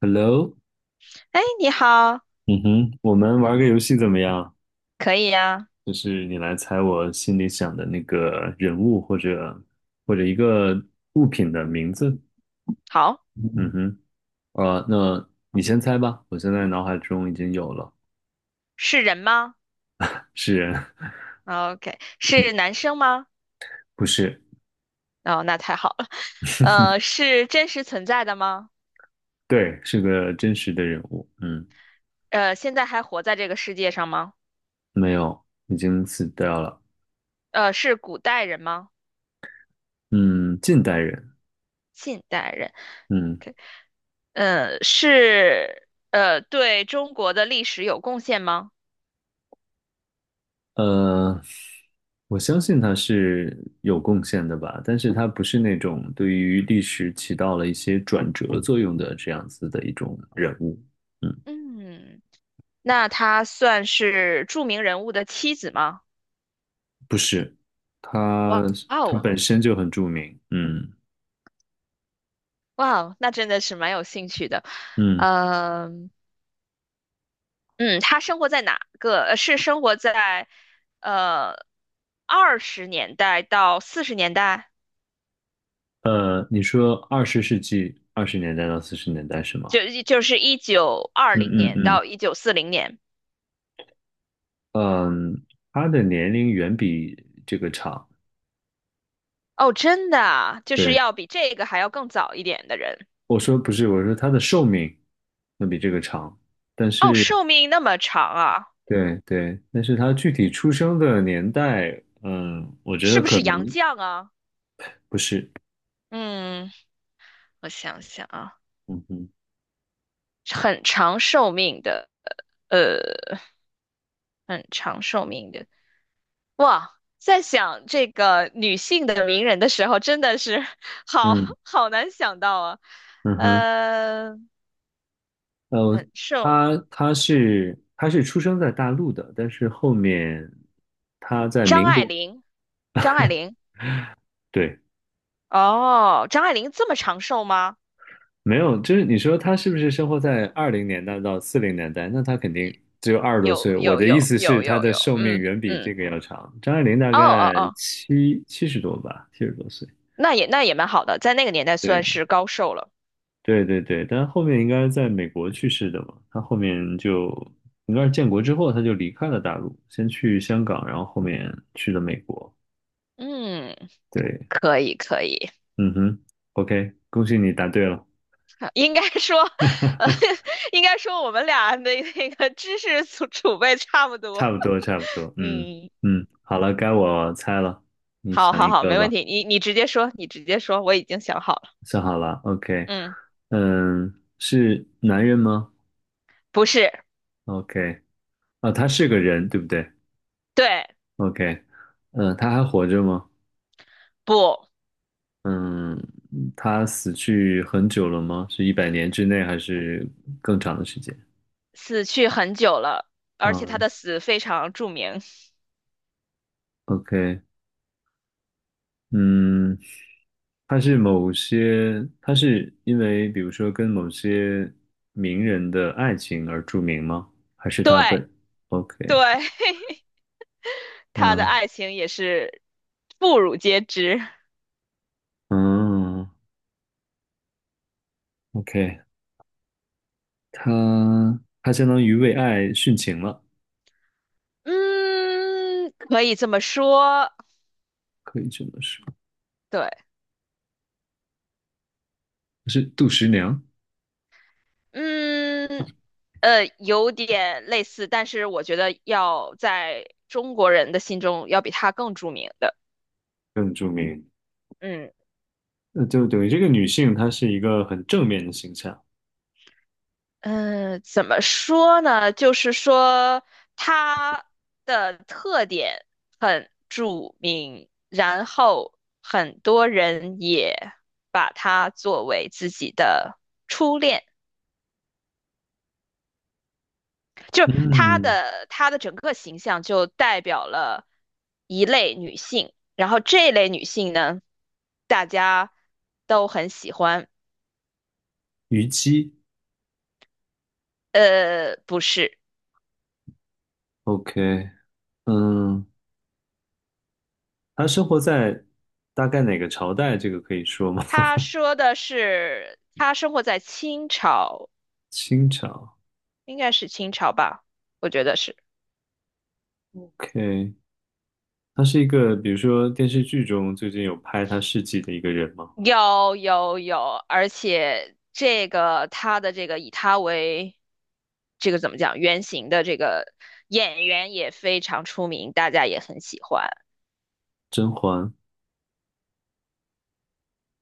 Hello，哎，你好。嗯哼，我们玩个游戏怎么样？可以呀。就是你来猜我心里想的那个人物或者一个物品的名字。好。嗯哼，那你先猜吧，我现在脑海中已经有了，是人吗是人，哦？OK，嗯，是男生吗？不是，哦，那太好了。是真实存在的吗？对，是个真实的人物，嗯，现在还活在这个世界上吗？没有，已经死掉了，是古代人吗？嗯，近代人，近代人嗯，？OK。对中国的历史有贡献吗？呃，我相信他是有贡献的吧，但是他不是那种对于历史起到了一些转折作用的这样子的一种人物，嗯，嗯，那他算是著名人物的妻子吗？不是，他哇他哦。本身就很著名，嗯哇哦，那真的是蛮有兴趣的。嗯，嗯。嗯，他生活在哪个？是生活在呃20年代到40年代，你说20世纪20年代到40年代是吗？就是一九二嗯零嗯年嗯到1940年。嗯，他的年龄远比这个长，哦，真的啊，就是对，要比这个还要更早一点的人。我说不是，我说他的寿命要比这个长。但哦，是。寿命那么长啊，对对，但是他具体出生的年代，嗯，我觉得是不可是能杨绛啊？不是，嗯，我想想啊。嗯哼，很长寿命的，很长寿命的。哇，在想这个女性的名人的时候，真的是 好嗯好难想到啊。嗯哼，呃，呃，很瘦。他是出生在大陆的，但是后面他在张民爱国，玲，张爱玲。对，哦，张爱玲这么长寿吗？没有，就是你说他是不是生活在20年代到40年代？那他肯定只有二十多有岁。我有的意有思是，有他有的有，寿命嗯远比这嗯。个要长。张爱玲大哦哦概哦，七十多吧，70多岁。那也那也蛮好的，在那个年代算对。是高寿了。对对对，但是后面应该在美国去世的嘛，他后面就应该是建国之后他就离开了大陆，先去香港，然后后面去了美国。嗯，对，可以可以。嗯哼，OK，恭喜你答对了，应该说，呃，应该说我们俩的那个知识储备差不多。差不多差不多，嗯嗯。嗯，好了，该我猜了，你好想好一好，个没问吧，题，你直接说，你直接说，我已经想好了。想好了，OK，嗯。嗯，是男人吗不是。？OK，啊，他是个人，对不对对。？OK，嗯，他还活着吗？不。嗯，他死去很久了吗？是100年之内还是更长的时间？死去很久了，而且他嗯的死非常著名。，OK，嗯，他是某些，他是因为比如说跟某些名人的爱情而著名吗？还是对他本对。？OK，他的嗯爱情也是妇孺皆知。嗯，OK，他相当于为爱殉情了，嗯，可以这么说。可以这么说，对。是杜十娘嗯。有点类似，但是我觉得要在中国人的心中要比他更著名的。更著名。嗯。那就等于这个女性，她是一个很正面的形象，嗯，怎么说呢？就是说她的特点很著名，然后很多人也把她作为自己的初恋，就是她嗯，的她的整个形象就代表了一类女性，然后这类女性呢，大家都很喜欢。虞姬呃，不是。，OK，嗯，他生活在大概哪个朝代？这个可以说吗？他说的是她生活在清朝。清朝应该是清朝吧，我觉得是。，OK，他是一个，比如说电视剧中最近有拍他事迹的一个人吗？有有有，而且这个他的这个以他为这个怎么讲原型的这个演员也非常出名，大家也很喜欢。甄嬛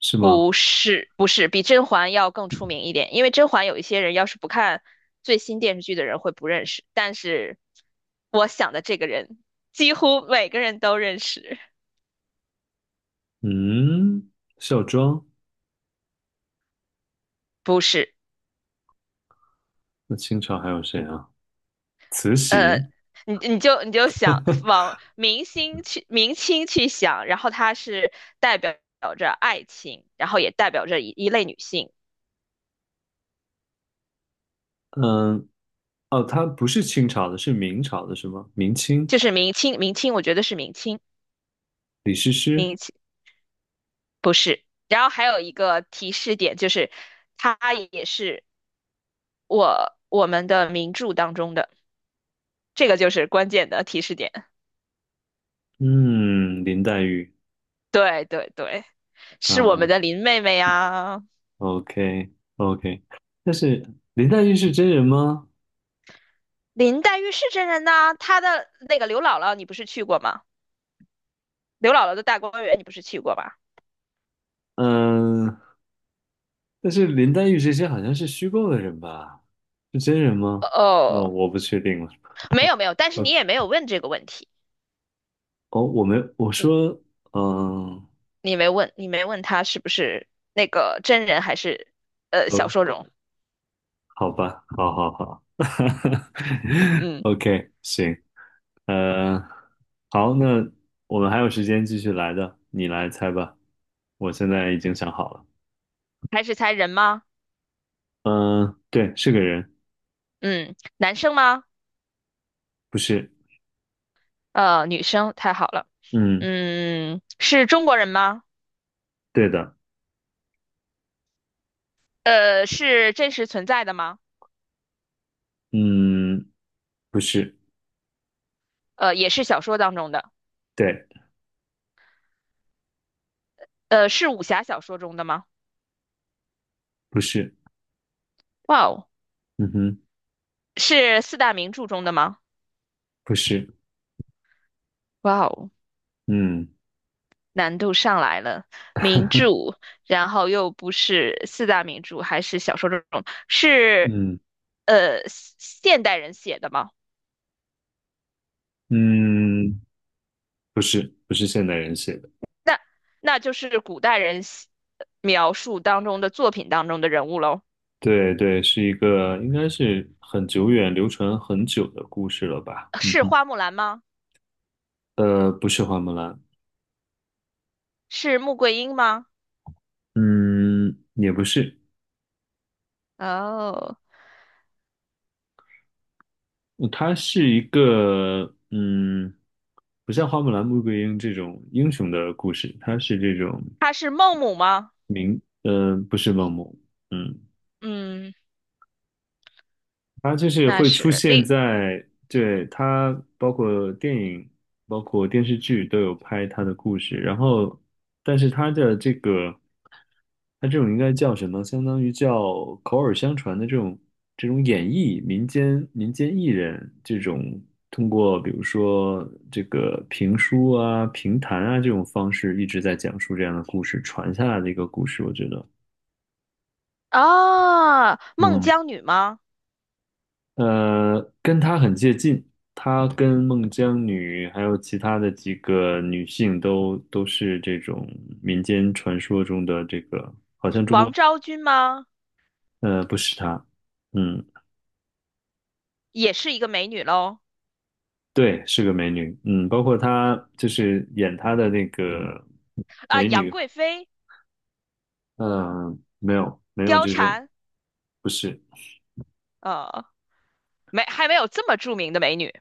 是吗？不是不是，比甄嬛要更出名一点，因为甄嬛有一些人要是不看最新电视剧的人会不认识，但是我想的这个人几乎每个人都认识。嗯，孝庄，不是。那清朝还有谁啊？慈呃，禧，你就想往明星去明清去想，然后它是代表着爱情，然后也代表着一类女性。嗯，哦，他不是清朝的，是明朝的，是吗？明清，就是明清明清，我觉得是明清李师师，明清不是。然后还有一个提示点就是，它也是我们的名著当中的，这个就是关键的提示点。嗯，林黛玉对对对，是我啊，们的林妹妹呀。OK OK，但是林黛玉是真人吗？林黛玉是真人呐、她的那个刘姥姥你不是去过吗？刘姥姥的大观园你不是去过吧？嗯，但是林黛玉这些好像是虚构的人吧？是真人吗？哦，哦。我不确定了。没哦有没有，但是你，OK，也没有问这个问题。哦，我没，我说，嗯，你没问，你没问他是不是那个真人还是小哦，说中。好吧，好好好 嗯。，OK，行，呃，好，那我们还有时间继续来的，你来猜吧。我现在已经想好了，还是才人吗？嗯，对，是个人，嗯，男生吗？不是，呃，女生，太好了。嗯，嗯，是中国人吗？对的。是真实存在的吗？嗯，不是，也是小说当中的。对，是武侠小说中的吗？不是，哇哦。嗯哼，是四大名著中的吗？不是，哇哦。嗯 难度上来了。名著，然后又不是四大名著，还是小说这种，是嗯现代人写的吗？嗯，不是，不是现代人写的，那就是古代人写描述当中的作品当中的人物喽。对对，是一个应该是很久远、流传很久的故事了吧？嗯是哼，花木兰吗？不是花木兰，是穆桂英吗？嗯，也不是，哦。它是一个，嗯，不像花木兰、穆桂英这种英雄的故事，它是这种，她是孟母吗？嗯、不是梦。嗯。嗯。它就是那会出是另现在，对，它包括电影、包括电视剧都有拍它的故事，然后，但是它的这个，它这种应该叫什么？相当于叫口耳相传的这种演绎，民间艺人这种通过比如说这个评书啊、评弹啊这种方式一直在讲述这样的故事，传下来的一个故事，我觉得，啊，孟嗯。姜女吗？跟她很接近，她跟孟姜女还有其他的几个女性都是这种民间传说中的这个，是王昭君吗？不是她，嗯，也是一个美女喽。对，是个美女，嗯，包括她就是演她的那个啊，美杨女，贵妃、嗯、没有没有貂这种，蝉。不是，呃。没还没有这么著名的美女。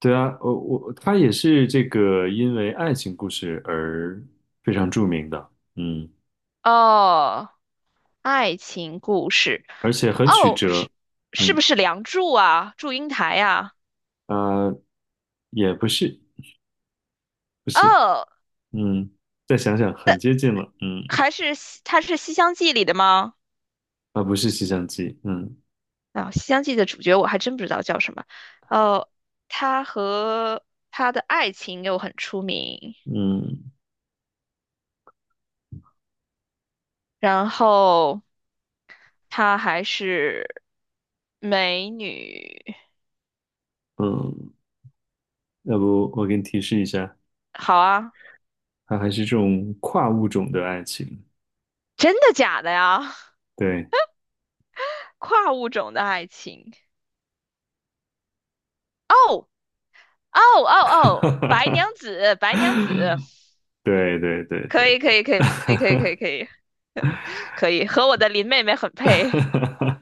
对啊，她也是这个因为爱情故事而非常著名的，嗯，哦。爱情故事。而且很曲哦，折，是嗯。不是《梁祝》啊，《祝英台》呀？啊。也不是，不是，哦。嗯，再想想，很接近了，嗯，还是它是《西厢记》里的吗？啊，不是洗相机，嗯啊、西厢记》的主角我还真不知道叫什么。哦，他和他的爱情又很出名，嗯然后她还是美女。嗯，要不我给你提示一下，好啊。它还是这种跨物种的爱情，真的假的呀？对，跨物种的爱情。哦。哦哦哦，白娘 子，白娘子。对对对对，可以可以可以可以可以可以可以可以，和我的林妹妹很配。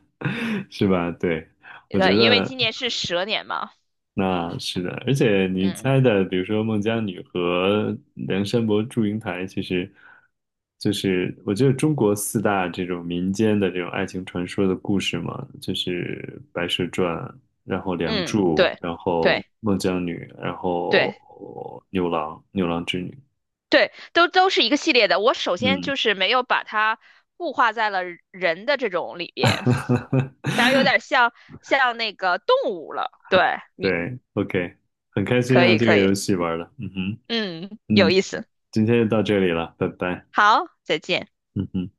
是吧？对，我觉对，因为得。今年是蛇年嘛。那是的，而且你嗯猜的，比如说孟姜女和梁山伯祝英台，其实就是我觉得中国四大这种民间的这种爱情传说的故事嘛，就是《白蛇传》，然后《梁嗯。祝》，对然后对孟姜女，然对后牛郎织女。对，都都是一个系列的。我首先嗯，就是没有把它固化在了人的这种里边，然后有点像像那个动物了。对，你对，OK，很开心可啊，以这个可以。游戏玩的，嗯哼，嗯，有意思。今天就到这里了，拜拜，好，再见。嗯哼。